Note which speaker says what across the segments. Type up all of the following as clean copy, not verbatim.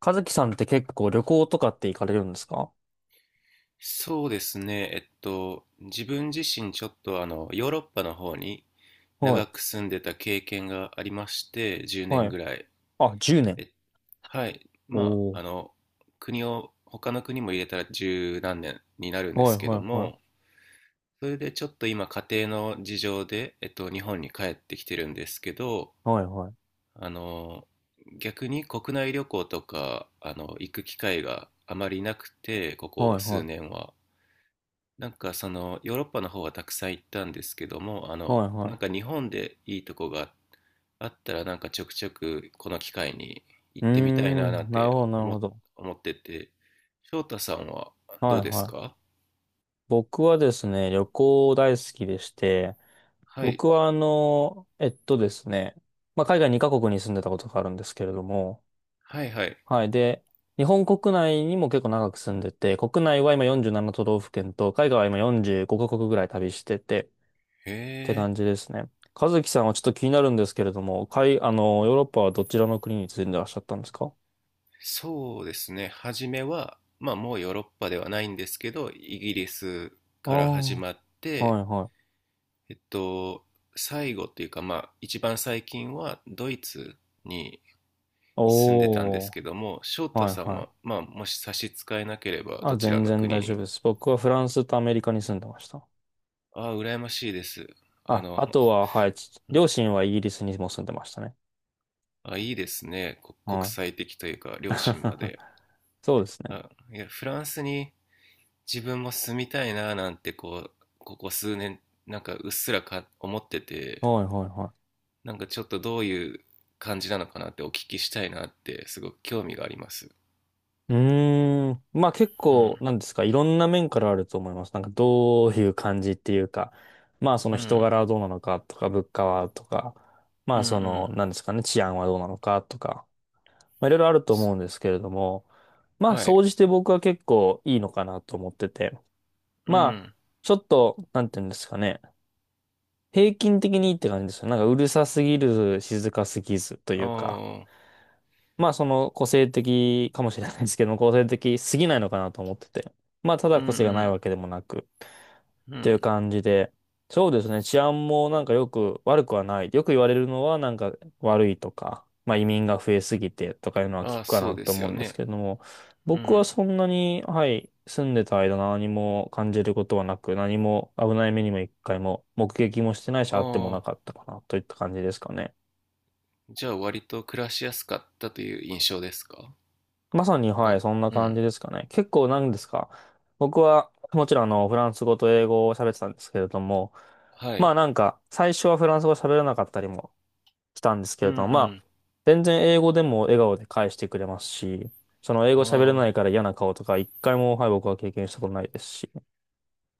Speaker 1: 和樹さんって結構旅行とかって行かれるんですか？
Speaker 2: そうですね、自分自身ちょっとヨーロッパの方に
Speaker 1: は
Speaker 2: 長
Speaker 1: い。
Speaker 2: く住んでた経験がありまして、10
Speaker 1: は
Speaker 2: 年
Speaker 1: い。
Speaker 2: ぐらい。
Speaker 1: あ、10年。
Speaker 2: え、はい。
Speaker 1: おー。
Speaker 2: 国を、他の国も入れたら十何年になるんで
Speaker 1: は
Speaker 2: す
Speaker 1: い
Speaker 2: け
Speaker 1: は
Speaker 2: ど
Speaker 1: いは
Speaker 2: も、
Speaker 1: い。
Speaker 2: それでちょっと今家庭の事情で、日本に帰ってきてるんですけど、
Speaker 1: はいはい。
Speaker 2: あの、逆に国内旅行とか、行く機会があまりなくて、ここ
Speaker 1: はいは
Speaker 2: 数
Speaker 1: い。
Speaker 2: 年は。なんかそのヨーロッパの方はたくさん行ったんですけども、
Speaker 1: はい
Speaker 2: な
Speaker 1: は
Speaker 2: んか日本でいいとこがあったらなんかちょくちょくこの機会に
Speaker 1: い。
Speaker 2: 行
Speaker 1: う
Speaker 2: っ
Speaker 1: ー
Speaker 2: てみたいななん
Speaker 1: ん。なる
Speaker 2: て
Speaker 1: ほどなるほど。
Speaker 2: 思ってて、翔太さんはど
Speaker 1: は
Speaker 2: う
Speaker 1: い
Speaker 2: です
Speaker 1: はい。
Speaker 2: か？
Speaker 1: 僕はですね、旅行大好きでして、
Speaker 2: はい、
Speaker 1: 僕はあの、えっとですね、まあ、海外2カ国に住んでたことがあるんですけれども、
Speaker 2: はいはい。
Speaker 1: はい。で、日本国内にも結構長く住んでて、国内は今47都道府県と、海外は今45カ国ぐらい旅してて、
Speaker 2: へ
Speaker 1: て
Speaker 2: え、
Speaker 1: 感じですね。和樹さんはちょっと気になるんですけれども、海、あの、ヨーロッパはどちらの国に住んでらっしゃったんですか？
Speaker 2: そうですね。初めは、まあもうヨーロッパではないんですけど、イギリス
Speaker 1: ああ、
Speaker 2: から始まって、
Speaker 1: はいはい。
Speaker 2: えっと、最後っていうかまあ一番最近はドイツに住んでたんで
Speaker 1: お
Speaker 2: す
Speaker 1: ー、
Speaker 2: けども、翔太
Speaker 1: はい
Speaker 2: さん
Speaker 1: は
Speaker 2: は、
Speaker 1: い。
Speaker 2: まあ、もし差し支えなければ、
Speaker 1: あ、
Speaker 2: どちら
Speaker 1: 全
Speaker 2: の
Speaker 1: 然大
Speaker 2: 国
Speaker 1: 丈夫
Speaker 2: に？
Speaker 1: です。僕はフランスとアメリカに住んでました。
Speaker 2: ああ、羨ましいです。あ
Speaker 1: あ、
Speaker 2: の、
Speaker 1: あとは、はい、ち
Speaker 2: うん。
Speaker 1: 両親はイギリスにも住んでましたね。
Speaker 2: あ、いいですね。こ国
Speaker 1: はい。
Speaker 2: 際的というか、両親ま で。
Speaker 1: そうですね。
Speaker 2: あ、いや、フランスに自分も住みたいな、なんて、こう、ここ数年、なんかうっすら思ってて、
Speaker 1: はいはいはい。
Speaker 2: なんかちょっとどういう感じなのかなってお聞きしたいなって、すごく興味があります。
Speaker 1: うーん。まあ結
Speaker 2: うん、
Speaker 1: 構、なんですか、いろんな面からあると思います。なんかどういう感じっていうか、まあその
Speaker 2: う
Speaker 1: 人
Speaker 2: ん、
Speaker 1: 柄はどうなのかとか、物価はとか、ま
Speaker 2: うん、
Speaker 1: あ
Speaker 2: う
Speaker 1: その、
Speaker 2: ん。
Speaker 1: なんですかね、治安はどうなのかとか、まあいろいろあると思うんですけれども、まあ
Speaker 2: はい、
Speaker 1: 総じて僕は結構いいのかなと思ってて、
Speaker 2: う
Speaker 1: まあ
Speaker 2: ん、
Speaker 1: ちょっと、なんていうんですかね、平均的にいいって感じですよ。なんかうるさすぎる、静かすぎずとい
Speaker 2: あ
Speaker 1: うか。
Speaker 2: あ、
Speaker 1: まあその個性的かもしれないですけど個性的すぎないのかなと思ってて。まあた
Speaker 2: う
Speaker 1: だ
Speaker 2: ん、う
Speaker 1: 個性がない
Speaker 2: ん。
Speaker 1: わけでもなくっ
Speaker 2: う
Speaker 1: ていう
Speaker 2: ん。
Speaker 1: 感じで。そうですね。治安もなんかよく悪くはない。よく言われるのはなんか悪いとか、まあ移民が増えすぎてとかいうのは聞
Speaker 2: ああ、
Speaker 1: くか
Speaker 2: そう
Speaker 1: な
Speaker 2: で
Speaker 1: と
Speaker 2: す
Speaker 1: 思う
Speaker 2: よ
Speaker 1: んです
Speaker 2: ね。
Speaker 1: けれども、
Speaker 2: う
Speaker 1: 僕
Speaker 2: ん。
Speaker 1: はそんなに、はい、住んでた間何も感じることはなく、何も危ない目にも一回も目撃もしてないし、
Speaker 2: あ
Speaker 1: あってもな
Speaker 2: あ、
Speaker 1: かったかなといった感じですかね。
Speaker 2: じゃあ割と暮らしやすかったという印象ですか？
Speaker 1: まさに、
Speaker 2: な
Speaker 1: はい、
Speaker 2: ん、
Speaker 1: そんな
Speaker 2: う
Speaker 1: 感
Speaker 2: ん。
Speaker 1: じですかね。結構なんですか。僕は、もちろん、フランス語と英語を喋ってたんですけれども、
Speaker 2: は
Speaker 1: まあ
Speaker 2: い。
Speaker 1: なんか、最初はフランス語喋れなかったりもしたんですけ
Speaker 2: う
Speaker 1: れども、まあ、
Speaker 2: ん
Speaker 1: 全然英語でも笑顔で返してくれますし、その英
Speaker 2: う
Speaker 1: 語
Speaker 2: ん。
Speaker 1: 喋れ
Speaker 2: あ
Speaker 1: な
Speaker 2: あ、
Speaker 1: いから嫌な顔とか、一回も、はい、僕は経験したことないですし、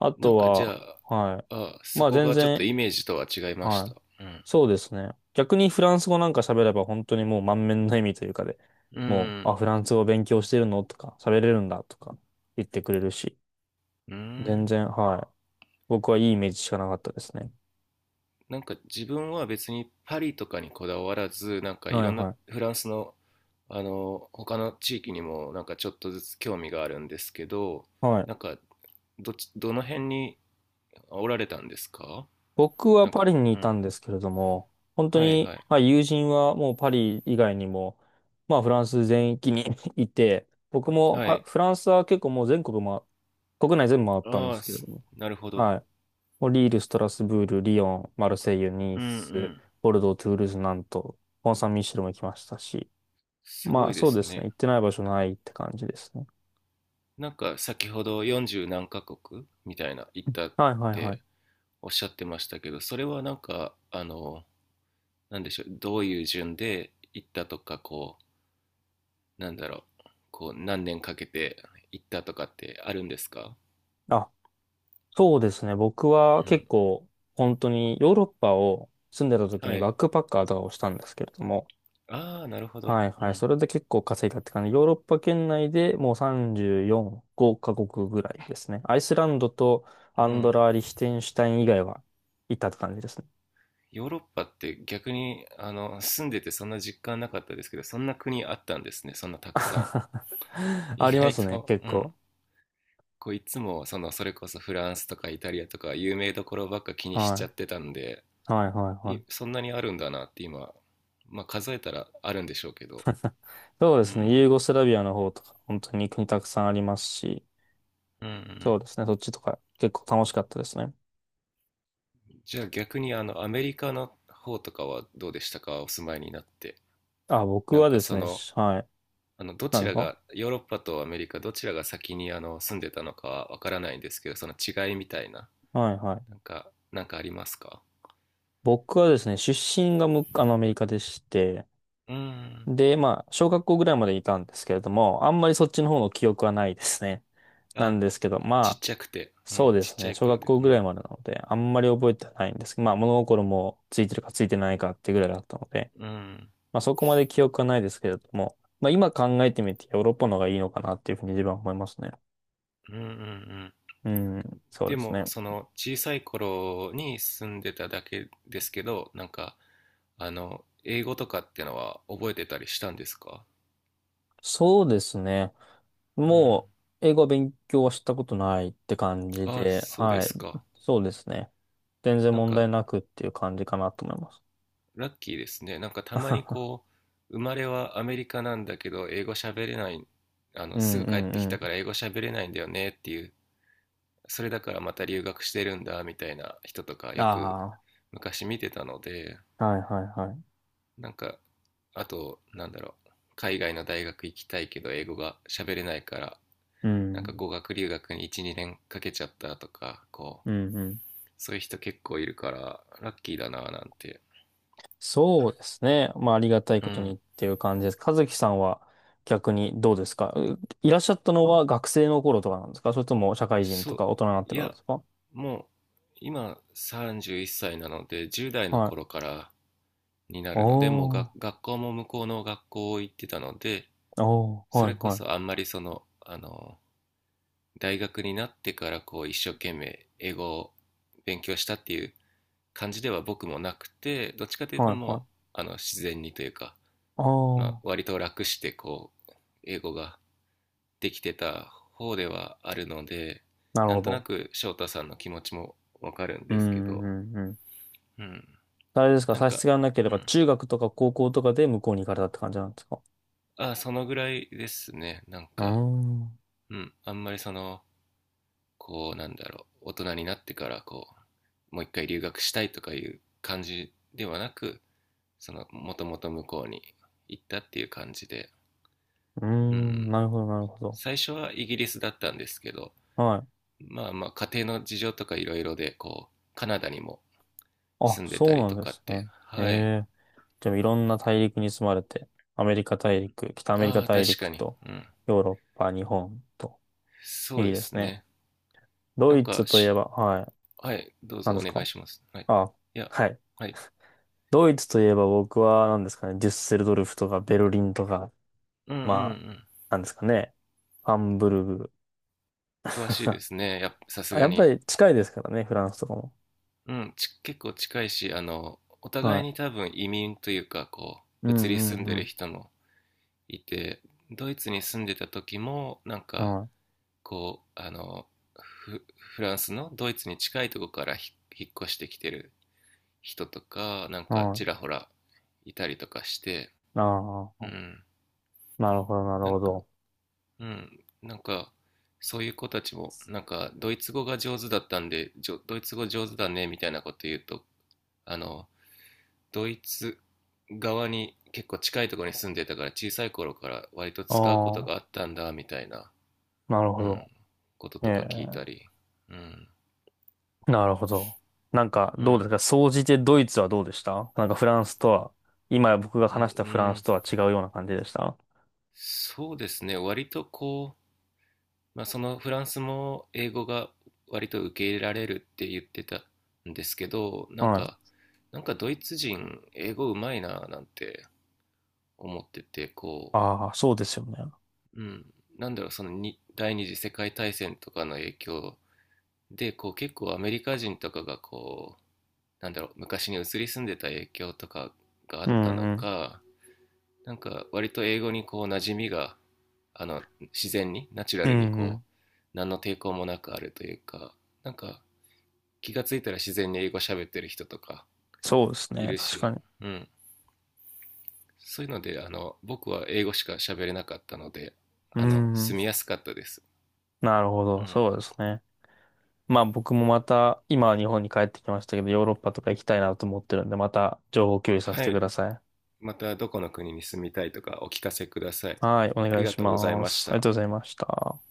Speaker 1: あ
Speaker 2: なん
Speaker 1: と
Speaker 2: かじゃ
Speaker 1: は、
Speaker 2: あ、
Speaker 1: はい、
Speaker 2: あ、そ
Speaker 1: まあ
Speaker 2: こ
Speaker 1: 全
Speaker 2: がちょっと
Speaker 1: 然
Speaker 2: イメージとは違いまし
Speaker 1: は
Speaker 2: た。
Speaker 1: い。
Speaker 2: うん。
Speaker 1: そうですね。逆にフランス語なんか喋れば本当にもう満面の笑みというかで、
Speaker 2: う
Speaker 1: もう、あ、
Speaker 2: ん。
Speaker 1: フランス語勉強してるのとか、喋れるんだとか言ってくれるし、
Speaker 2: う
Speaker 1: 全
Speaker 2: ん。
Speaker 1: 然、はい。僕はいいイメージしかなかったですね。
Speaker 2: なんか自分は別にパリとかにこだわらず、なんかい
Speaker 1: はい
Speaker 2: ろんな
Speaker 1: はい。
Speaker 2: フランスの、他の地域にもなんかちょっとずつ興味があるんですけど、
Speaker 1: はい。
Speaker 2: なんかどっち、どの辺におられたんですか？
Speaker 1: 僕は
Speaker 2: なんか、
Speaker 1: パリに
Speaker 2: う
Speaker 1: いた
Speaker 2: ん。
Speaker 1: んですけれども、本当
Speaker 2: はい
Speaker 1: に、
Speaker 2: はい。
Speaker 1: まあ友人はもうパリ以外にも、まあフランス全域に いて、僕もフ
Speaker 2: は
Speaker 1: ァ
Speaker 2: い。
Speaker 1: フランスは結構もう全国、ま、国内全部回ったんで
Speaker 2: ああ、
Speaker 1: すけれども、
Speaker 2: なるほど。
Speaker 1: はい。もうリール、ストラスブール、リヨン、マルセイユ、ニ
Speaker 2: う
Speaker 1: ー
Speaker 2: んう
Speaker 1: ス、
Speaker 2: ん。
Speaker 1: ボルドー、トゥールーズ、ナント、コンサンミッシェルも行きましたし、
Speaker 2: す
Speaker 1: ま
Speaker 2: ご
Speaker 1: あ
Speaker 2: いで
Speaker 1: そうで
Speaker 2: す
Speaker 1: すね、
Speaker 2: ね。
Speaker 1: 行ってない場所ないって感じですね。
Speaker 2: なんか先ほど40何カ国みたいな行ったっ
Speaker 1: はいはいは
Speaker 2: て
Speaker 1: い。
Speaker 2: おっしゃってましたけど、それはなんか、なんでしょう、どういう順で行ったとか、こう、なんだろう、こう、何年かけて行ったとかってあるんですか？
Speaker 1: あ、そうですね、僕は
Speaker 2: う
Speaker 1: 結
Speaker 2: ん。
Speaker 1: 構本当にヨーロッパを住んでた時
Speaker 2: は
Speaker 1: にバ
Speaker 2: い。
Speaker 1: ックパッカーとかをしたんですけれども、
Speaker 2: ああ、なるほど。
Speaker 1: はい
Speaker 2: う
Speaker 1: はい、
Speaker 2: ん。
Speaker 1: それで結構稼いだって感じ。ヨーロッパ圏内でもう34、5カ国ぐらいですね。アイスランドと
Speaker 2: う
Speaker 1: アンド
Speaker 2: ん。
Speaker 1: ラ・リヒテンシュタイン以外はいたって感じですね。
Speaker 2: ヨーロッパって逆にあの住んでてそんな実感なかったですけど、そんな国あったんですね、そんなたくさん。 意
Speaker 1: ありま
Speaker 2: 外
Speaker 1: すね、
Speaker 2: と、
Speaker 1: 結
Speaker 2: うん。
Speaker 1: 構。
Speaker 2: こう、いつもそのそれこそフランスとかイタリアとか有名どころばっか気にしち
Speaker 1: は
Speaker 2: ゃってたんで、
Speaker 1: い。はい、はい、はい。
Speaker 2: そんなにあるんだなって今。まあ数えたらあるんでしょうけど。
Speaker 1: そうで
Speaker 2: う
Speaker 1: すね、ユー
Speaker 2: ん
Speaker 1: ゴスラビアの方とか、本当に国たくさんありますし、
Speaker 2: うんう
Speaker 1: そう
Speaker 2: ん。
Speaker 1: ですね、そっちとか結構楽しかったですね。
Speaker 2: じゃあ逆にあのアメリカの方とかはどうでしたか、お住まいになって？
Speaker 1: あ、僕
Speaker 2: なん
Speaker 1: は
Speaker 2: か
Speaker 1: です
Speaker 2: そ
Speaker 1: ね、
Speaker 2: の
Speaker 1: はい。
Speaker 2: ど
Speaker 1: な
Speaker 2: ち
Speaker 1: んです
Speaker 2: ら
Speaker 1: か？
Speaker 2: がヨーロッパとアメリカどちらが先にあの住んでたのかはわからないんですけど、その違いみたいな
Speaker 1: はい、はい。
Speaker 2: なんか、なんかありますか？
Speaker 1: 僕はですね、出身がむ、あの、アメリカでして、
Speaker 2: うーん。
Speaker 1: で、まあ、小学校ぐらいまでいたんですけれども、あんまりそっちの方の記憶はないですね。な
Speaker 2: あ、
Speaker 1: んですけど、
Speaker 2: ちっ
Speaker 1: まあ、
Speaker 2: ちゃくて、う
Speaker 1: そう
Speaker 2: ん、
Speaker 1: で
Speaker 2: ちっ
Speaker 1: す
Speaker 2: ちゃ
Speaker 1: ね。
Speaker 2: い
Speaker 1: 小
Speaker 2: 頃
Speaker 1: 学
Speaker 2: で、
Speaker 1: 校
Speaker 2: う
Speaker 1: ぐらい
Speaker 2: ん、
Speaker 1: までなので、あんまり覚えてないんですけど、まあ物心もついてるかついてないかってぐらいだったので、
Speaker 2: うん
Speaker 1: まあそこまで記憶はないですけれども、まあ今考えてみてヨーロッパの方がいいのかなっていうふうに自分は思いますね。
Speaker 2: うんうん、うん。
Speaker 1: うん、そう
Speaker 2: で
Speaker 1: です
Speaker 2: も
Speaker 1: ね。
Speaker 2: その小さい頃に住んでただけですけど、なんか英語とかってのは覚えてたりしたんですか？
Speaker 1: そうですね。
Speaker 2: うん。
Speaker 1: もう英語は勉強はしたことないって感じ
Speaker 2: あ、
Speaker 1: で、
Speaker 2: そうで
Speaker 1: はい。
Speaker 2: すか。
Speaker 1: そうですね。全然
Speaker 2: なん
Speaker 1: 問題
Speaker 2: か
Speaker 1: なくっていう感じかなと思います。
Speaker 2: ラッキーですね。なんかたまに こう、生まれはアメリカなんだけど、英語喋れない、
Speaker 1: う
Speaker 2: す
Speaker 1: ん
Speaker 2: ぐ
Speaker 1: う
Speaker 2: 帰っ
Speaker 1: ん
Speaker 2: てき
Speaker 1: うん。
Speaker 2: たから英語喋れないんだよねっていう、それだからまた留学してるんだみたいな人とかよく
Speaker 1: あ
Speaker 2: 昔見てたので、
Speaker 1: あ、はいはいはい。
Speaker 2: なんか、あと、なんだろう、海外の大学行きたいけど英語が喋れないから、
Speaker 1: う
Speaker 2: なんか
Speaker 1: ん、
Speaker 2: 語学留学に1、2年かけちゃったとか、こ
Speaker 1: うん
Speaker 2: う、
Speaker 1: うん。
Speaker 2: そういう人結構いるから、ラッキーだなぁなんて、
Speaker 1: そうですね。まあ、ありがたい
Speaker 2: う
Speaker 1: ことに
Speaker 2: ん、
Speaker 1: っていう感じです。和樹さんは逆にどうですか？いらっしゃったのは学生の頃とかなんですか？それとも社会人
Speaker 2: そ
Speaker 1: と
Speaker 2: う、
Speaker 1: か大人になって
Speaker 2: い
Speaker 1: からで
Speaker 2: や、
Speaker 1: すか？
Speaker 2: もう今31歳なので10代の
Speaker 1: はい。
Speaker 2: 頃からになるので、もう
Speaker 1: おー、
Speaker 2: が学校も向こうの学校行ってたので、
Speaker 1: おー、
Speaker 2: そ
Speaker 1: はい、
Speaker 2: れこ
Speaker 1: は
Speaker 2: そ
Speaker 1: い、
Speaker 2: あんまりその、大学になってからこう一生懸命英語を勉強したっていう感じでは僕もなくて、どっちかというと
Speaker 1: はい、はい。
Speaker 2: あの自然にというか、まあ
Speaker 1: おー、
Speaker 2: 割と楽してこう英語がてきてた方ではあるので、
Speaker 1: なる
Speaker 2: なん
Speaker 1: ほ
Speaker 2: とな
Speaker 1: ど。
Speaker 2: く翔太さんの気持ちもわかるん
Speaker 1: う
Speaker 2: ですけ
Speaker 1: ん、う
Speaker 2: ど、
Speaker 1: ん、うん。
Speaker 2: うん、
Speaker 1: あれですか？
Speaker 2: なん
Speaker 1: 差し
Speaker 2: か、
Speaker 1: 支えなけれ
Speaker 2: う
Speaker 1: ば
Speaker 2: ん、
Speaker 1: 中学とか高校とかで向こうに行かれたって感じなんですか？
Speaker 2: ああそのぐらいですね、なん
Speaker 1: うー
Speaker 2: か、
Speaker 1: ん、う
Speaker 2: うん、あんまりそのこうなんだろう大人になってからこうもう一回留学したいとかいう感じではなく、そのもともと向こうに行ったっていう感じで、
Speaker 1: ー
Speaker 2: う
Speaker 1: ん、
Speaker 2: ん、
Speaker 1: なるほど、なるほど。
Speaker 2: 最初はイギリスだったんですけど、
Speaker 1: はい。
Speaker 2: まあまあ家庭の事情とかいろいろでこうカナダにも
Speaker 1: あ、
Speaker 2: 住んでた
Speaker 1: そう
Speaker 2: り
Speaker 1: なん
Speaker 2: と
Speaker 1: で
Speaker 2: かっ
Speaker 1: す
Speaker 2: て。
Speaker 1: ね。え
Speaker 2: はい。
Speaker 1: え、でもいろんな大陸に住まれて、アメリカ大陸、北アメリカ
Speaker 2: ああ、
Speaker 1: 大
Speaker 2: 確か
Speaker 1: 陸
Speaker 2: に。
Speaker 1: と、
Speaker 2: うん。
Speaker 1: ヨーロッパ、日本と、
Speaker 2: そう
Speaker 1: いい
Speaker 2: で
Speaker 1: です
Speaker 2: す
Speaker 1: ね。
Speaker 2: ね。な
Speaker 1: ド
Speaker 2: ん
Speaker 1: イ
Speaker 2: か
Speaker 1: ツとい
Speaker 2: し、
Speaker 1: えば、はい、
Speaker 2: はい、どうぞ
Speaker 1: 何で
Speaker 2: お
Speaker 1: す
Speaker 2: 願い
Speaker 1: か？
Speaker 2: します。はい。
Speaker 1: あ、
Speaker 2: いや、
Speaker 1: はい。
Speaker 2: はい。
Speaker 1: ドイツといえば僕は何ですかね、デュッセルドルフとかベルリンとか、
Speaker 2: うんう
Speaker 1: まあ、
Speaker 2: ん
Speaker 1: 何ですかね、ハンブルグ。
Speaker 2: うん。詳しいで すね。やっぱ、さす
Speaker 1: あ、
Speaker 2: が
Speaker 1: やっぱ
Speaker 2: に。
Speaker 1: り近いですからね、フランスとかも。
Speaker 2: うん、結構近いし、お互い
Speaker 1: は
Speaker 2: に多分移民というか、こ
Speaker 1: い。う
Speaker 2: う、移り住
Speaker 1: ん
Speaker 2: ん
Speaker 1: う
Speaker 2: で
Speaker 1: んう
Speaker 2: る
Speaker 1: ん。
Speaker 2: 人もいて、ドイツに住んでた時も、なんか、
Speaker 1: は
Speaker 2: こう、フランスのドイツに近いとこから引っ越してきてる人とかなん
Speaker 1: い。
Speaker 2: か
Speaker 1: は
Speaker 2: ち
Speaker 1: い。
Speaker 2: らほらいたりとかして、
Speaker 1: あ
Speaker 2: う
Speaker 1: あ、
Speaker 2: ん、
Speaker 1: なるほど、なる
Speaker 2: なん
Speaker 1: ほ
Speaker 2: か、
Speaker 1: ど。
Speaker 2: うん、なんかそういう子たちもなんかドイツ語が上手だったんで、ドイツ語上手だねみたいなこと言うと、あのドイツ側に結構近いところに住んでたから小さい頃から割と使うことが
Speaker 1: あ
Speaker 2: あったんだみたいな、
Speaker 1: あ、なるほ
Speaker 2: うん、
Speaker 1: ど。
Speaker 2: こと
Speaker 1: え
Speaker 2: とか聞いた
Speaker 1: え、
Speaker 2: り、うん、
Speaker 1: なるほど。なんか、
Speaker 2: う
Speaker 1: どうで
Speaker 2: ん、
Speaker 1: すか？総じてドイツはどうでした？なんかフランスとは、今僕が
Speaker 2: うん、う
Speaker 1: 話したフランス
Speaker 2: ん、
Speaker 1: とは違うような感じでした？
Speaker 2: そうですね、割とこまあ、そのフランスも英語が割と受け入れられるって言ってたんですけど、なん
Speaker 1: はい。
Speaker 2: か、なんかドイツ人英語うまいななんて思ってて、こ
Speaker 1: ああ、そうですよね。
Speaker 2: う、うん、なんだろう、そのに第二次世界大戦とかの影響でこう結構アメリカ人とかがこうなんだろう昔に移り住んでた影響とかがあ
Speaker 1: う
Speaker 2: った
Speaker 1: ん
Speaker 2: の
Speaker 1: うん。
Speaker 2: か、なんか割と英語にこう馴染みが、あの自然にナチュラ
Speaker 1: うん
Speaker 2: ルに
Speaker 1: う
Speaker 2: こ
Speaker 1: ん。
Speaker 2: う何の抵抗もなくあるというか、なんか気がついたら自然に英語喋ってる人とか
Speaker 1: そうです
Speaker 2: い
Speaker 1: ね。
Speaker 2: る
Speaker 1: 確か
Speaker 2: し、
Speaker 1: に。
Speaker 2: うん、そういうので僕は英語しか喋れなかったので、
Speaker 1: う
Speaker 2: あ
Speaker 1: んう
Speaker 2: の
Speaker 1: ん。
Speaker 2: 住みやすかったです、
Speaker 1: なるほ
Speaker 2: う
Speaker 1: ど。
Speaker 2: ん、
Speaker 1: そうですね。まあ僕もまた、今は日本に帰ってきましたけど、ヨーロッパとか行きたいなと思ってるんで、また情報共有させ
Speaker 2: は
Speaker 1: てく
Speaker 2: い。
Speaker 1: ださい。
Speaker 2: またどこの国に住みたいとかお聞かせください。
Speaker 1: はい。お
Speaker 2: あ
Speaker 1: 願
Speaker 2: り
Speaker 1: い
Speaker 2: が
Speaker 1: し
Speaker 2: とうござい
Speaker 1: ま
Speaker 2: まし
Speaker 1: す。ありが
Speaker 2: た。
Speaker 1: とうございました。